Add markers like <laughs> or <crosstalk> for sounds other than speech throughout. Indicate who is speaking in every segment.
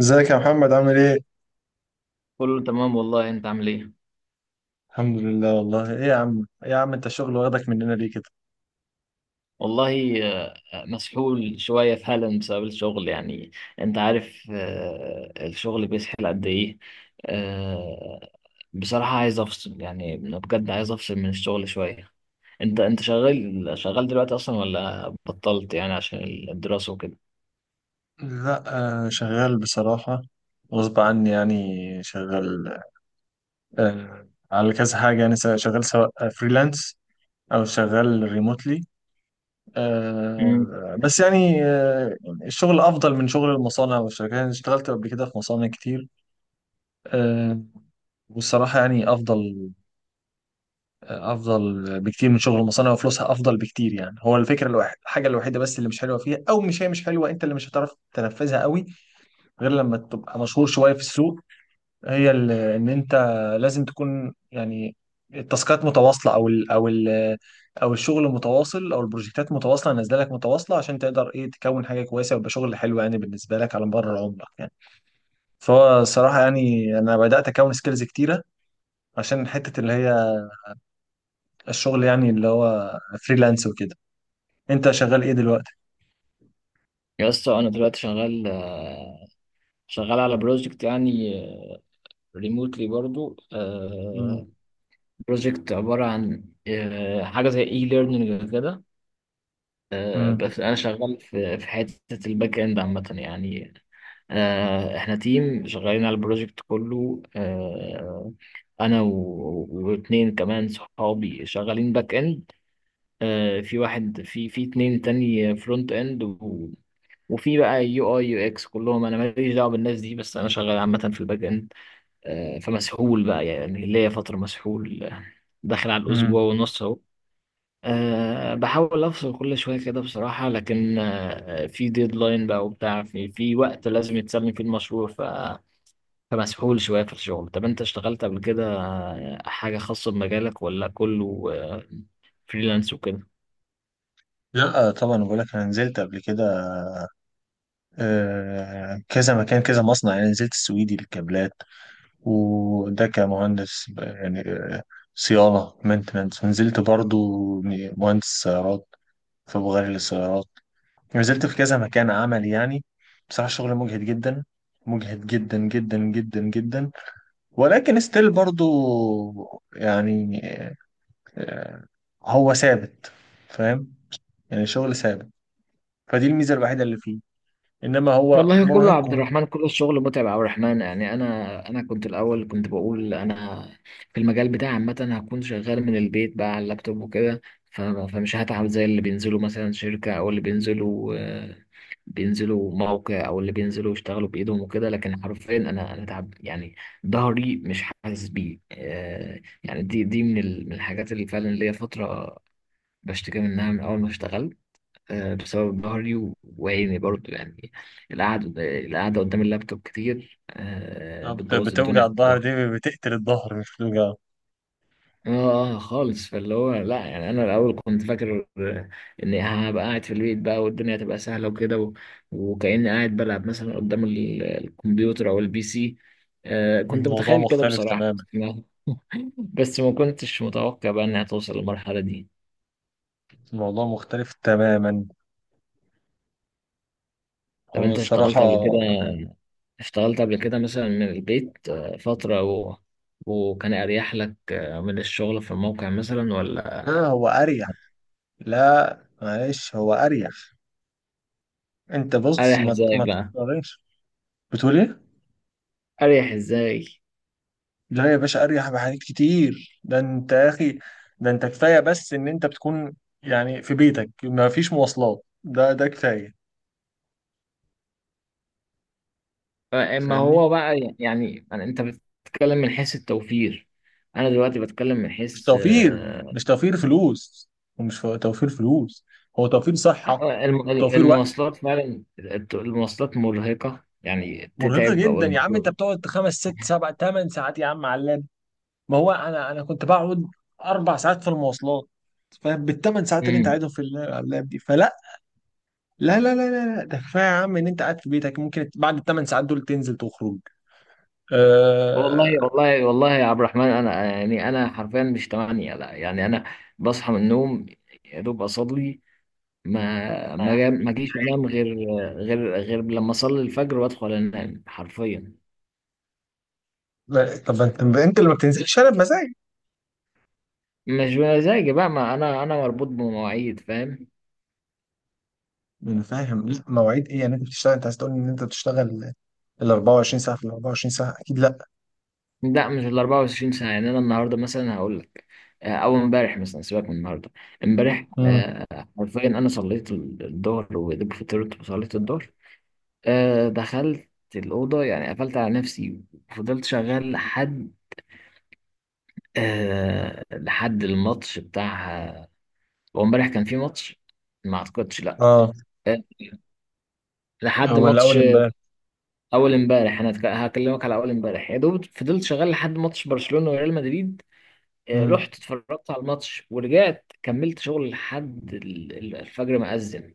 Speaker 1: ازيك يا محمد عامل ايه؟
Speaker 2: كله تمام والله. انت عامل ايه؟
Speaker 1: الحمد لله والله. ايه يا عم، انت الشغل واخدك مننا ليه كده؟
Speaker 2: والله مسحول شوية في هالاند بسبب الشغل يعني. انت عارف الشغل بيسحل قد ايه. آه، بصراحة عايز افصل يعني، بجد عايز افصل من الشغل شوية. انت شغال دلوقتي اصلا ولا بطلت يعني عشان الدراسة وكده؟
Speaker 1: لا، آه شغال بصراحة. غصب عني يعني. شغال على كذا حاجة يعني، شغال سواء فريلانس او شغال ريموتلي.
Speaker 2: امم.
Speaker 1: آه بس يعني آه الشغل افضل من شغل المصانع والشركات. انا اشتغلت قبل كده في مصانع كتير. آه والصراحة يعني افضل، افضل بكتير من شغل المصانع، وفلوسها افضل بكتير. يعني هو الفكره الوحيده، الحاجه الوحيده بس اللي مش حلوه فيها، او مش حلوه، انت اللي مش هتعرف تنفذها قوي غير لما تبقى مشهور شويه في السوق. هي ال- ان انت لازم تكون يعني التاسكات متواصله، او الشغل متواصل، او البروجكتات متواصله نازله لك متواصله، عشان تقدر ايه تكون حاجه كويسه ويبقى شغل حلو يعني بالنسبه لك على مدار عمرك يعني. فهو الصراحه يعني انا بدات اكون سكيلز كتيره عشان حته اللي هي الشغل يعني اللي هو فريلانس وكده. انت شغال ايه دلوقتي؟
Speaker 2: يا اسطى، انا دلوقتي شغال شغال على بروجكت يعني، ريموتلي برضو.
Speaker 1: مم.
Speaker 2: بروجكت عبارة عن حاجة زي اي ليرنينج كده.
Speaker 1: مم.
Speaker 2: بس انا شغال في حته الباك اند عامه يعني. احنا تيم شغالين على البروجكت كله. انا واتنين كمان صحابي شغالين باك اند. في واحد، في اتنين تاني فرونت اند وفي بقى يو اي يو اكس. كلهم انا ماليش دعوه بالناس دي، بس انا شغال عامه في الباك اند. فمسحول بقى يعني، ليا فتره مسحول، داخل على الاسبوع
Speaker 1: مم.
Speaker 2: ونص اهو. بحاول أفصل كل شوية كده بصراحة، لكن في ديدلاين بقى وبتاع، في وقت لازم يتسلم فيه المشروع. فمسحول شوية في الشغل. طب أنت اشتغلت قبل كده حاجة خاصة بمجالك ولا كله فريلانس وكده؟
Speaker 1: لا طبعا، بقول لك انا نزلت قبل كده كذا مكان، كذا مصنع يعني. نزلت السويدي للكابلات، وده كمهندس صيانه مينتنس. ونزلت برضو مهندس سيارات، فبغير للسيارات. يعني نزلت في كذا مكان عمل يعني. بصراحه شغل مجهد جدا، مجهد جدا جدا جدا جدا، ولكن ستيل برضو يعني آه، هو ثابت، فاهم؟ يعني شغل ثابت. فدي الميزة الوحيدة اللي فيه. إنما هو
Speaker 2: والله كله عبد
Speaker 1: مرهقكم.
Speaker 2: الرحمن، كله الشغل متعب يا عبد الرحمن يعني. انا كنت الاول كنت بقول انا في المجال بتاعي عامه هكون شغال من البيت بقى على اللابتوب وكده، فمش هتعب زي اللي بينزلوا مثلا شركه، او اللي بينزلوا بينزلوا موقع، او اللي بينزلوا يشتغلوا بايدهم وكده. لكن حرفيا انا تعب يعني. ظهري مش حاسس بيه يعني. دي من من الحاجات اللي فعلا ليا فتره بشتكي منها من اول ما اشتغلت، بسبب ظهري وعيني برضو يعني. القعدة، القعدة قدام اللابتوب كتير بتبوظ الدنيا
Speaker 1: بتوجع
Speaker 2: في
Speaker 1: الظهر،
Speaker 2: الظهر.
Speaker 1: دي بتقتل الظهر مش بتوجع.
Speaker 2: اه. خالص، فاللي هو لا، يعني انا الاول كنت فاكر اني هبقى قاعد في البيت بقى والدنيا هتبقى سهله وكده، وكاني قاعد بلعب مثلا قدام الكمبيوتر او البي سي. كنت
Speaker 1: الموضوع
Speaker 2: متخيل كده
Speaker 1: مختلف
Speaker 2: بصراحه.
Speaker 1: تماما.
Speaker 2: <laughs> بس ما كنتش متوقع بقى انها توصل للمرحله دي.
Speaker 1: الموضوع مختلف تماما،
Speaker 2: طب
Speaker 1: هو
Speaker 2: انت
Speaker 1: الصراحة.
Speaker 2: اشتغلت قبل كده، اشتغلت قبل كده مثلا من البيت فترة وكان أريح لك من الشغل في الموقع مثلا ولا؟
Speaker 1: لا هو أريح. لا معلش، هو أريح. أنت بص،
Speaker 2: أريح إزاي
Speaker 1: ما
Speaker 2: بقى؟
Speaker 1: تقارنش. بتقول إيه؟
Speaker 2: أريح إزاي؟
Speaker 1: لا يا باشا، أريح بحاجات كتير. ده أنت يا أخي، ده أنت كفاية بس إن أنت بتكون يعني في بيتك، ما فيش مواصلات. ده كفاية.
Speaker 2: ما هو
Speaker 1: فاهمني؟
Speaker 2: بقى يعني، يعني أنت بتتكلم من حيث التوفير. أنا دلوقتي بتكلم من
Speaker 1: مش
Speaker 2: حيث
Speaker 1: توفير، مش توفير فلوس، ومش توفير فلوس. هو توفير صحة، توفير وقت.
Speaker 2: المواصلات فعلا. المواصلات مرهقة يعني،
Speaker 1: مرهقة
Speaker 2: تتعب أو
Speaker 1: جدا يا عم. انت
Speaker 2: المفروض.
Speaker 1: بتقعد خمس ست سبع ثمان ساعات يا عم على اللاب. ما هو انا كنت بقعد 4 ساعات في المواصلات. فاهم؟ بالثمان ساعات اللي انت
Speaker 2: مم.
Speaker 1: قاعدهم في على اللاب دي. فلا، لا لا لا لا لا، ده كفايه يا عم، ان انت قاعد في بيتك ممكن بعد الثمان ساعات دول تنزل تخرج.
Speaker 2: والله
Speaker 1: آه...
Speaker 2: والله والله يا عبد الرحمن، أنا يعني، أنا حرفيا مش 8 لا. يعني أنا بصحى من النوم، يا دوب اصلي، ما جيش انام غير لما اصلي الفجر وادخل انام حرفيا.
Speaker 1: لا، طب انت، اللي ما بتنزلش انا بمزاج.
Speaker 2: مش بمزاجي بقى، ما انا مربوط بمواعيد فاهم.
Speaker 1: انا فاهم. لا، مواعيد ايه يعني؟ انت بتشتغل؟ انت عايز تقول ان انت بتشتغل ال 24 ساعه؟ في ال 24 ساعه اكيد لا.
Speaker 2: لا مش ال 24 ساعه يعني. انا النهارده مثلا هقول لك او امبارح، مثلا سيبك من النهارده. امبارح
Speaker 1: امم.
Speaker 2: حرفيا انا صليت الظهر وجبت فطرت وصليت الظهر، دخلت الاوضه يعني، قفلت على نفسي وفضلت شغال لحد لحد الماتش بتاع. هو امبارح كان في ماتش؟ ما اعتقدش. لا
Speaker 1: اه.
Speaker 2: لحد
Speaker 1: ولا اول
Speaker 2: ماتش
Speaker 1: امبارح.
Speaker 2: اول امبارح. انا هكلمك على اول امبارح. يا دوب فضلت شغال لحد ماتش برشلونة وريال مدريد
Speaker 1: امم.
Speaker 2: رحت اتفرجت على الماتش ورجعت كملت شغل لحد الفجر ما أذن.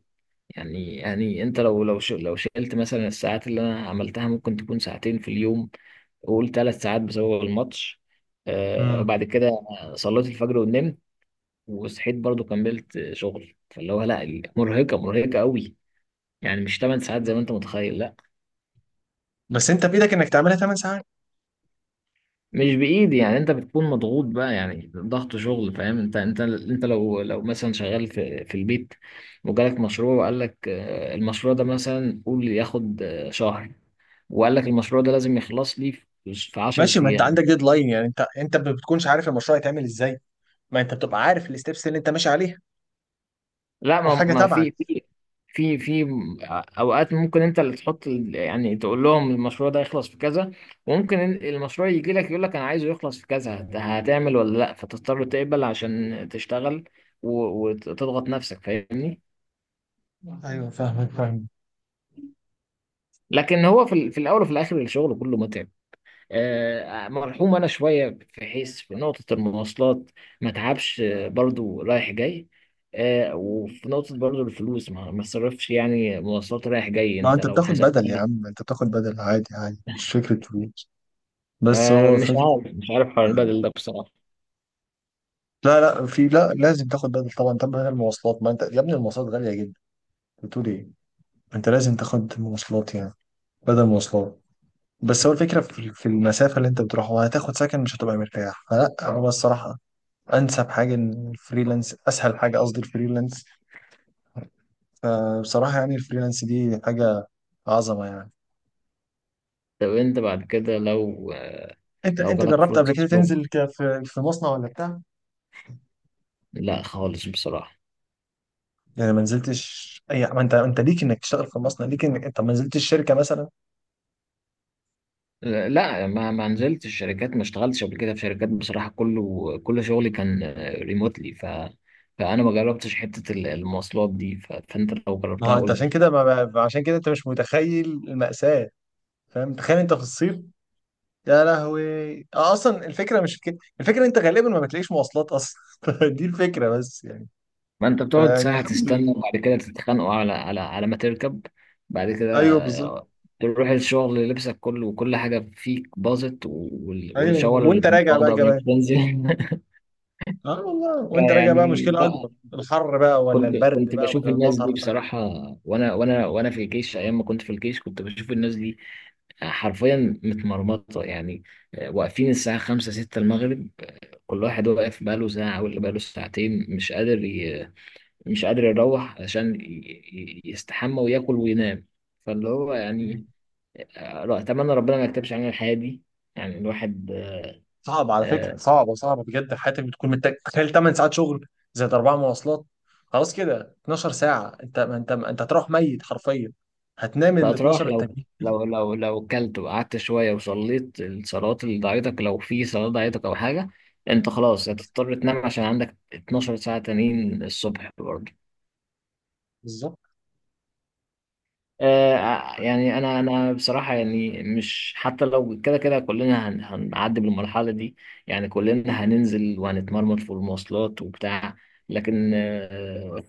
Speaker 2: يعني، يعني انت لو شلت مثلا الساعات اللي انا عملتها، ممكن تكون ساعتين في اليوم، وقول 3 ساعات بسبب الماتش.
Speaker 1: امم.
Speaker 2: وبعد كده صليت الفجر ونمت، وصحيت برضو كملت شغل. فاللي هو لا، مرهقة، مرهقة قوي. يعني مش 8 ساعات زي ما انت متخيل، لا.
Speaker 1: بس انت بايدك انك تعملها 8 ساعات.
Speaker 2: مش بايدي يعني، انت بتكون مضغوط بقى، يعني ضغط شغل، فاهم؟ انت لو مثلا شغال في البيت وجالك مشروع، وقال لك المشروع ده مثلا، قول ياخد شهر، وقال لك المشروع ده لازم يخلص لي في 10
Speaker 1: ماشي، ما انت
Speaker 2: ايام.
Speaker 1: عندك ديدلاين يعني. انت ما بتكونش عارف المشروع يتعمل ازاي؟ ما انت بتبقى عارف الستبس اللي انت ماشي عليها،
Speaker 2: لا، ما
Speaker 1: وحاجه
Speaker 2: ما
Speaker 1: تبعك.
Speaker 2: في اوقات ممكن انت اللي تحط يعني، تقول لهم المشروع ده يخلص في كذا، وممكن المشروع يجي لك يقول لك انا عايزه يخلص في كذا. هتعمل ولا لا؟ فتضطر تقبل عشان تشتغل وتضغط نفسك، فاهمني؟
Speaker 1: ايوه فاهمك، فاهم.
Speaker 2: لكن هو في الاول وفي الاخر الشغل كله متعب. مرحوم انا شويه في حيث في نقطه المواصلات، ما تعبش برضو رايح جاي. وفي نقطه برضو الفلوس ما تصرفش، يعني مواصلات رايح جاي
Speaker 1: ما
Speaker 2: انت
Speaker 1: انت
Speaker 2: لو
Speaker 1: بتاخد بدل يا
Speaker 2: حسبتها.
Speaker 1: عم، انت بتاخد بدل عادي عادي، مش فكره فلوس. بس هو
Speaker 2: مش
Speaker 1: فكره.
Speaker 2: عارف، مش عارف حوار البدل ده بصراحه.
Speaker 1: لا لا، في، لا لازم تاخد بدل طبعا. طب بدل المواصلات، ما انت يا ابني المواصلات غاليه جدا. بتقول ايه؟ انت لازم تاخد مواصلات يعني، بدل مواصلات. بس هو الفكره في المسافه اللي انت بتروحها، هتاخد سكن مش هتبقى مرتاح. فلا، هو الصراحه انسب حاجه ان الفريلانس اسهل حاجه، قصدي الفريلانس. فبصراحه يعني الفريلانس دي حاجه عظمه يعني.
Speaker 2: طب انت بعد كده لو
Speaker 1: انت
Speaker 2: لو
Speaker 1: انت
Speaker 2: جالك
Speaker 1: جربت قبل
Speaker 2: فرصه
Speaker 1: كده
Speaker 2: شغل؟
Speaker 1: تنزل في مصنع ولا بتاع؟
Speaker 2: لا خالص بصراحه.
Speaker 1: يعني ما نزلتش؟ اي ما انت، ليك انك تشتغل في مصنع، ليك انك انت ما نزلتش شركه مثلا.
Speaker 2: لا، ما نزلتش شركات، ما اشتغلتش قبل كده في شركات بصراحة. كله كل شغلي كان ريموتلي، فأنا ما جربتش حتة المواصلات دي. فأنت لو
Speaker 1: ما
Speaker 2: جربتها
Speaker 1: هو انت
Speaker 2: قول
Speaker 1: عشان
Speaker 2: لي.
Speaker 1: كده، عشان كده انت مش متخيل المأساة. فاهم؟ تخيل انت في الصيف. يا لهوي. اصلا الفكره مش في كده، الفكره انت غالبا ما بتلاقيش مواصلات اصلا <laughs> دي الفكره بس يعني.
Speaker 2: ما أنت بتقعد
Speaker 1: فيعني
Speaker 2: ساعة
Speaker 1: الحمد
Speaker 2: تستنى،
Speaker 1: لله.
Speaker 2: وبعد كده تتخانقوا على ما تركب، بعد
Speaker 1: ايوه بالظبط.
Speaker 2: كده تروح الشغل لبسك كله وكل حاجة فيك باظت،
Speaker 1: ايوه،
Speaker 2: والشاور اللي
Speaker 1: وانت
Speaker 2: كنت
Speaker 1: راجع بقى
Speaker 2: واخده قبل ما
Speaker 1: كمان.
Speaker 2: تنزل. <laughs>
Speaker 1: اه والله، وانت راجع بقى
Speaker 2: فيعني
Speaker 1: مشكله
Speaker 2: لا.
Speaker 1: اكبر، الحر بقى ولا
Speaker 2: كنت
Speaker 1: البرد
Speaker 2: كنت
Speaker 1: بقى
Speaker 2: بشوف
Speaker 1: ولا
Speaker 2: الناس دي
Speaker 1: المطر بقى.
Speaker 2: بصراحة، وأنا في الجيش، أيام ما كنت في الجيش كنت بشوف الناس دي حرفيا متمرمطة يعني. واقفين الساعة خمسة ستة المغرب، كل واحد واقف بقاله ساعة واللي بقاله ساعتين، مش قادر مش قادر يروح عشان يستحمى وياكل وينام. فاللي هو
Speaker 1: مم.
Speaker 2: يعني أتمنى ربنا ما يكتبش علينا الحياة دي. يعني الواحد
Speaker 1: صعب على فكره،
Speaker 2: آه،
Speaker 1: صعبه صعبه بجد. حياتك بتكون محتاج، تخيل 8 ساعات شغل زائد اربع مواصلات، خلاص كده 12 ساعه. انت ما انت هتروح ميت حرفيا. هتنام ال 12
Speaker 2: فأتراح لو
Speaker 1: التانيين.
Speaker 2: لو كلت وقعدت شوية وصليت الصلوات اللي ضايعتك، لو في صلاة ضايعتك أو حاجة. أنت خلاص
Speaker 1: خلاص كده.
Speaker 2: هتضطر تنام عشان عندك 12 ساعة تانيين الصبح.
Speaker 1: بالظبط.
Speaker 2: يعني انا بصراحه يعني، مش حتى لو كده كده كلنا هنعدي بالمرحله دي. يعني كلنا هننزل وهنتمرمط في المواصلات وبتاع، لكن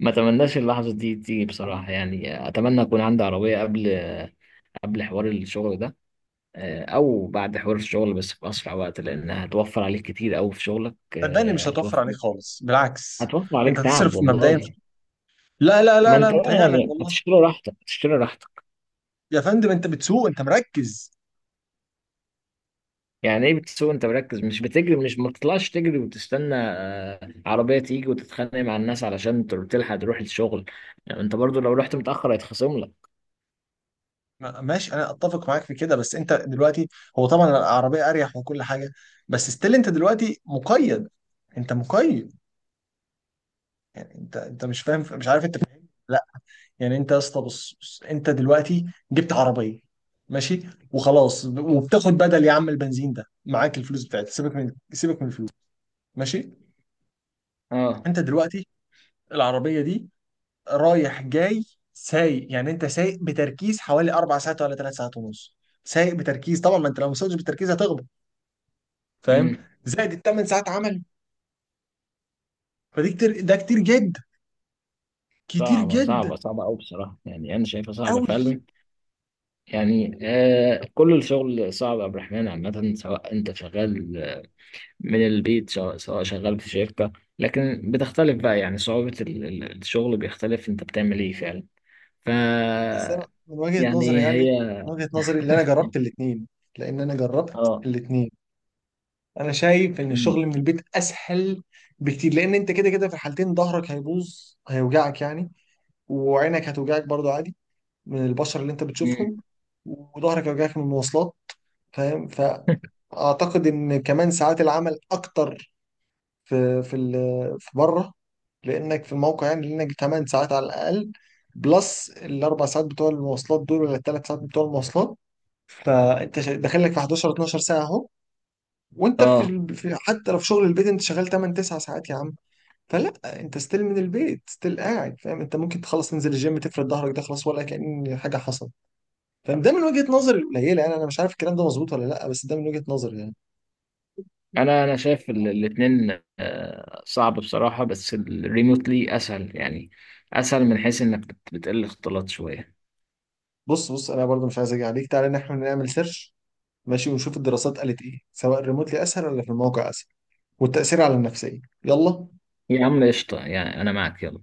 Speaker 2: ما اتمناش اللحظه دي تيجي بصراحه. يعني اتمنى اكون عندي عربيه قبل حوار الشغل ده او بعد حوار الشغل، بس في اسرع وقت، لان هتوفر عليك كتير قوي في شغلك.
Speaker 1: صدقني مش هتوفر
Speaker 2: هتوفر
Speaker 1: عليك خالص، بالعكس،
Speaker 2: هتوفر عليك
Speaker 1: انت
Speaker 2: تعب
Speaker 1: هتصرف مبدئيا في...
Speaker 2: والله.
Speaker 1: لا لا
Speaker 2: ما
Speaker 1: لا
Speaker 2: انت
Speaker 1: لا،
Speaker 2: بقى
Speaker 1: متهيألك
Speaker 2: يعني
Speaker 1: والله.
Speaker 2: هتشتري راحتك، هتشتري راحتك.
Speaker 1: يا فندم انت بتسوق، انت مركز.
Speaker 2: يعني ايه بتسوق انت مركز؟ مش بتجري، مش، ما بتطلعش تجري وتستنى عربية تيجي وتتخانق مع الناس علشان تلحق تروح الشغل. يعني انت برضو لو رحت متأخر هيتخصم لك.
Speaker 1: ماشي انا اتفق معاك في كده. بس انت دلوقتي، هو طبعا العربيه اريح وكل حاجه، بس ستيل انت دلوقتي مقيد. انت مقيد. يعني انت مش فاهم، مش عارف. انت فاهم؟ لا. يعني انت يا اسطى، بص بص، انت دلوقتي جبت عربيه، ماشي وخلاص، وبتاخد بدل يا عم، البنزين ده معاك، الفلوس بتاعتك، سيبك من الفلوس. ماشي.
Speaker 2: اه.
Speaker 1: انت دلوقتي العربيه دي رايح جاي سايق. يعني انت سايق بتركيز حوالي اربع ساعات ولا 3 ساعات ونص. سايق بتركيز طبعا، ما انت لو ما سوقتش بتركيز هتغلط. فاهم؟
Speaker 2: امم.
Speaker 1: زائد الثمان ساعات عمل، فدي كتير. ده كتير جدا، كتير
Speaker 2: صعبة
Speaker 1: جدا،
Speaker 2: صعبة صعبة أوي بصراحة، يعني أنا شايفها صعبة
Speaker 1: قوي.
Speaker 2: فعلا. يعني كل الشغل صعب يا عبد الرحمن عامة، سواء أنت شغال من البيت سواء شغال في شركة. لكن بتختلف بقى، يعني صعوبة الشغل بيختلف أنت بتعمل إيه فعلا. ف
Speaker 1: بس انا من وجهة نظري
Speaker 2: يعني
Speaker 1: يعني،
Speaker 2: هي.
Speaker 1: من وجهة نظري اللي انا جربت الاثنين، لان انا جربت
Speaker 2: اه.
Speaker 1: الاثنين، انا شايف ان الشغل من البيت اسهل بكتير. لان انت كده كده في الحالتين ظهرك هيبوظ هيوجعك يعني، وعينك هتوجعك برضو عادي من البشر اللي انت
Speaker 2: مم.
Speaker 1: بتشوفهم، وظهرك يوجعك من المواصلات. فاهم؟ فاعتقد ان كمان ساعات العمل اكتر في بره، لانك في الموقع يعني. لانك 8 ساعات على الاقل بلس الاربع ساعات بتوع المواصلات دول ولا الثلاث ساعات بتوع المواصلات. فانت داخل لك في 11 12 ساعه اهو. وانت في,
Speaker 2: اه.
Speaker 1: في حتى لو في شغل البيت، انت شغال 8 9 ساعات يا عم. فلا، انت ستيل من البيت، ستيل قاعد. فاهم؟ انت ممكن تخلص تنزل الجيم تفرد ظهرك، ده خلاص ولا كأن حاجه حصلت. فده من وجهة نظري القليلة يعني، انا مش عارف الكلام ده مظبوط ولا لا، بس ده من وجهة نظري يعني.
Speaker 2: انا شايف الاثنين صعب بصراحه، بس الريموتلي اسهل يعني، اسهل من حيث انك بتقل اختلاط شويه.
Speaker 1: بص بص، انا برضو مش عايز اجي عليك، تعالى ان احنا نعمل سيرش، ماشي، ونشوف الدراسات قالت ايه، سواء ريموتلي اسهل ولا في الموقع اسهل، والتأثير على النفسية. يلا.
Speaker 2: يا عم قشطه، يعني انا معك، يلا.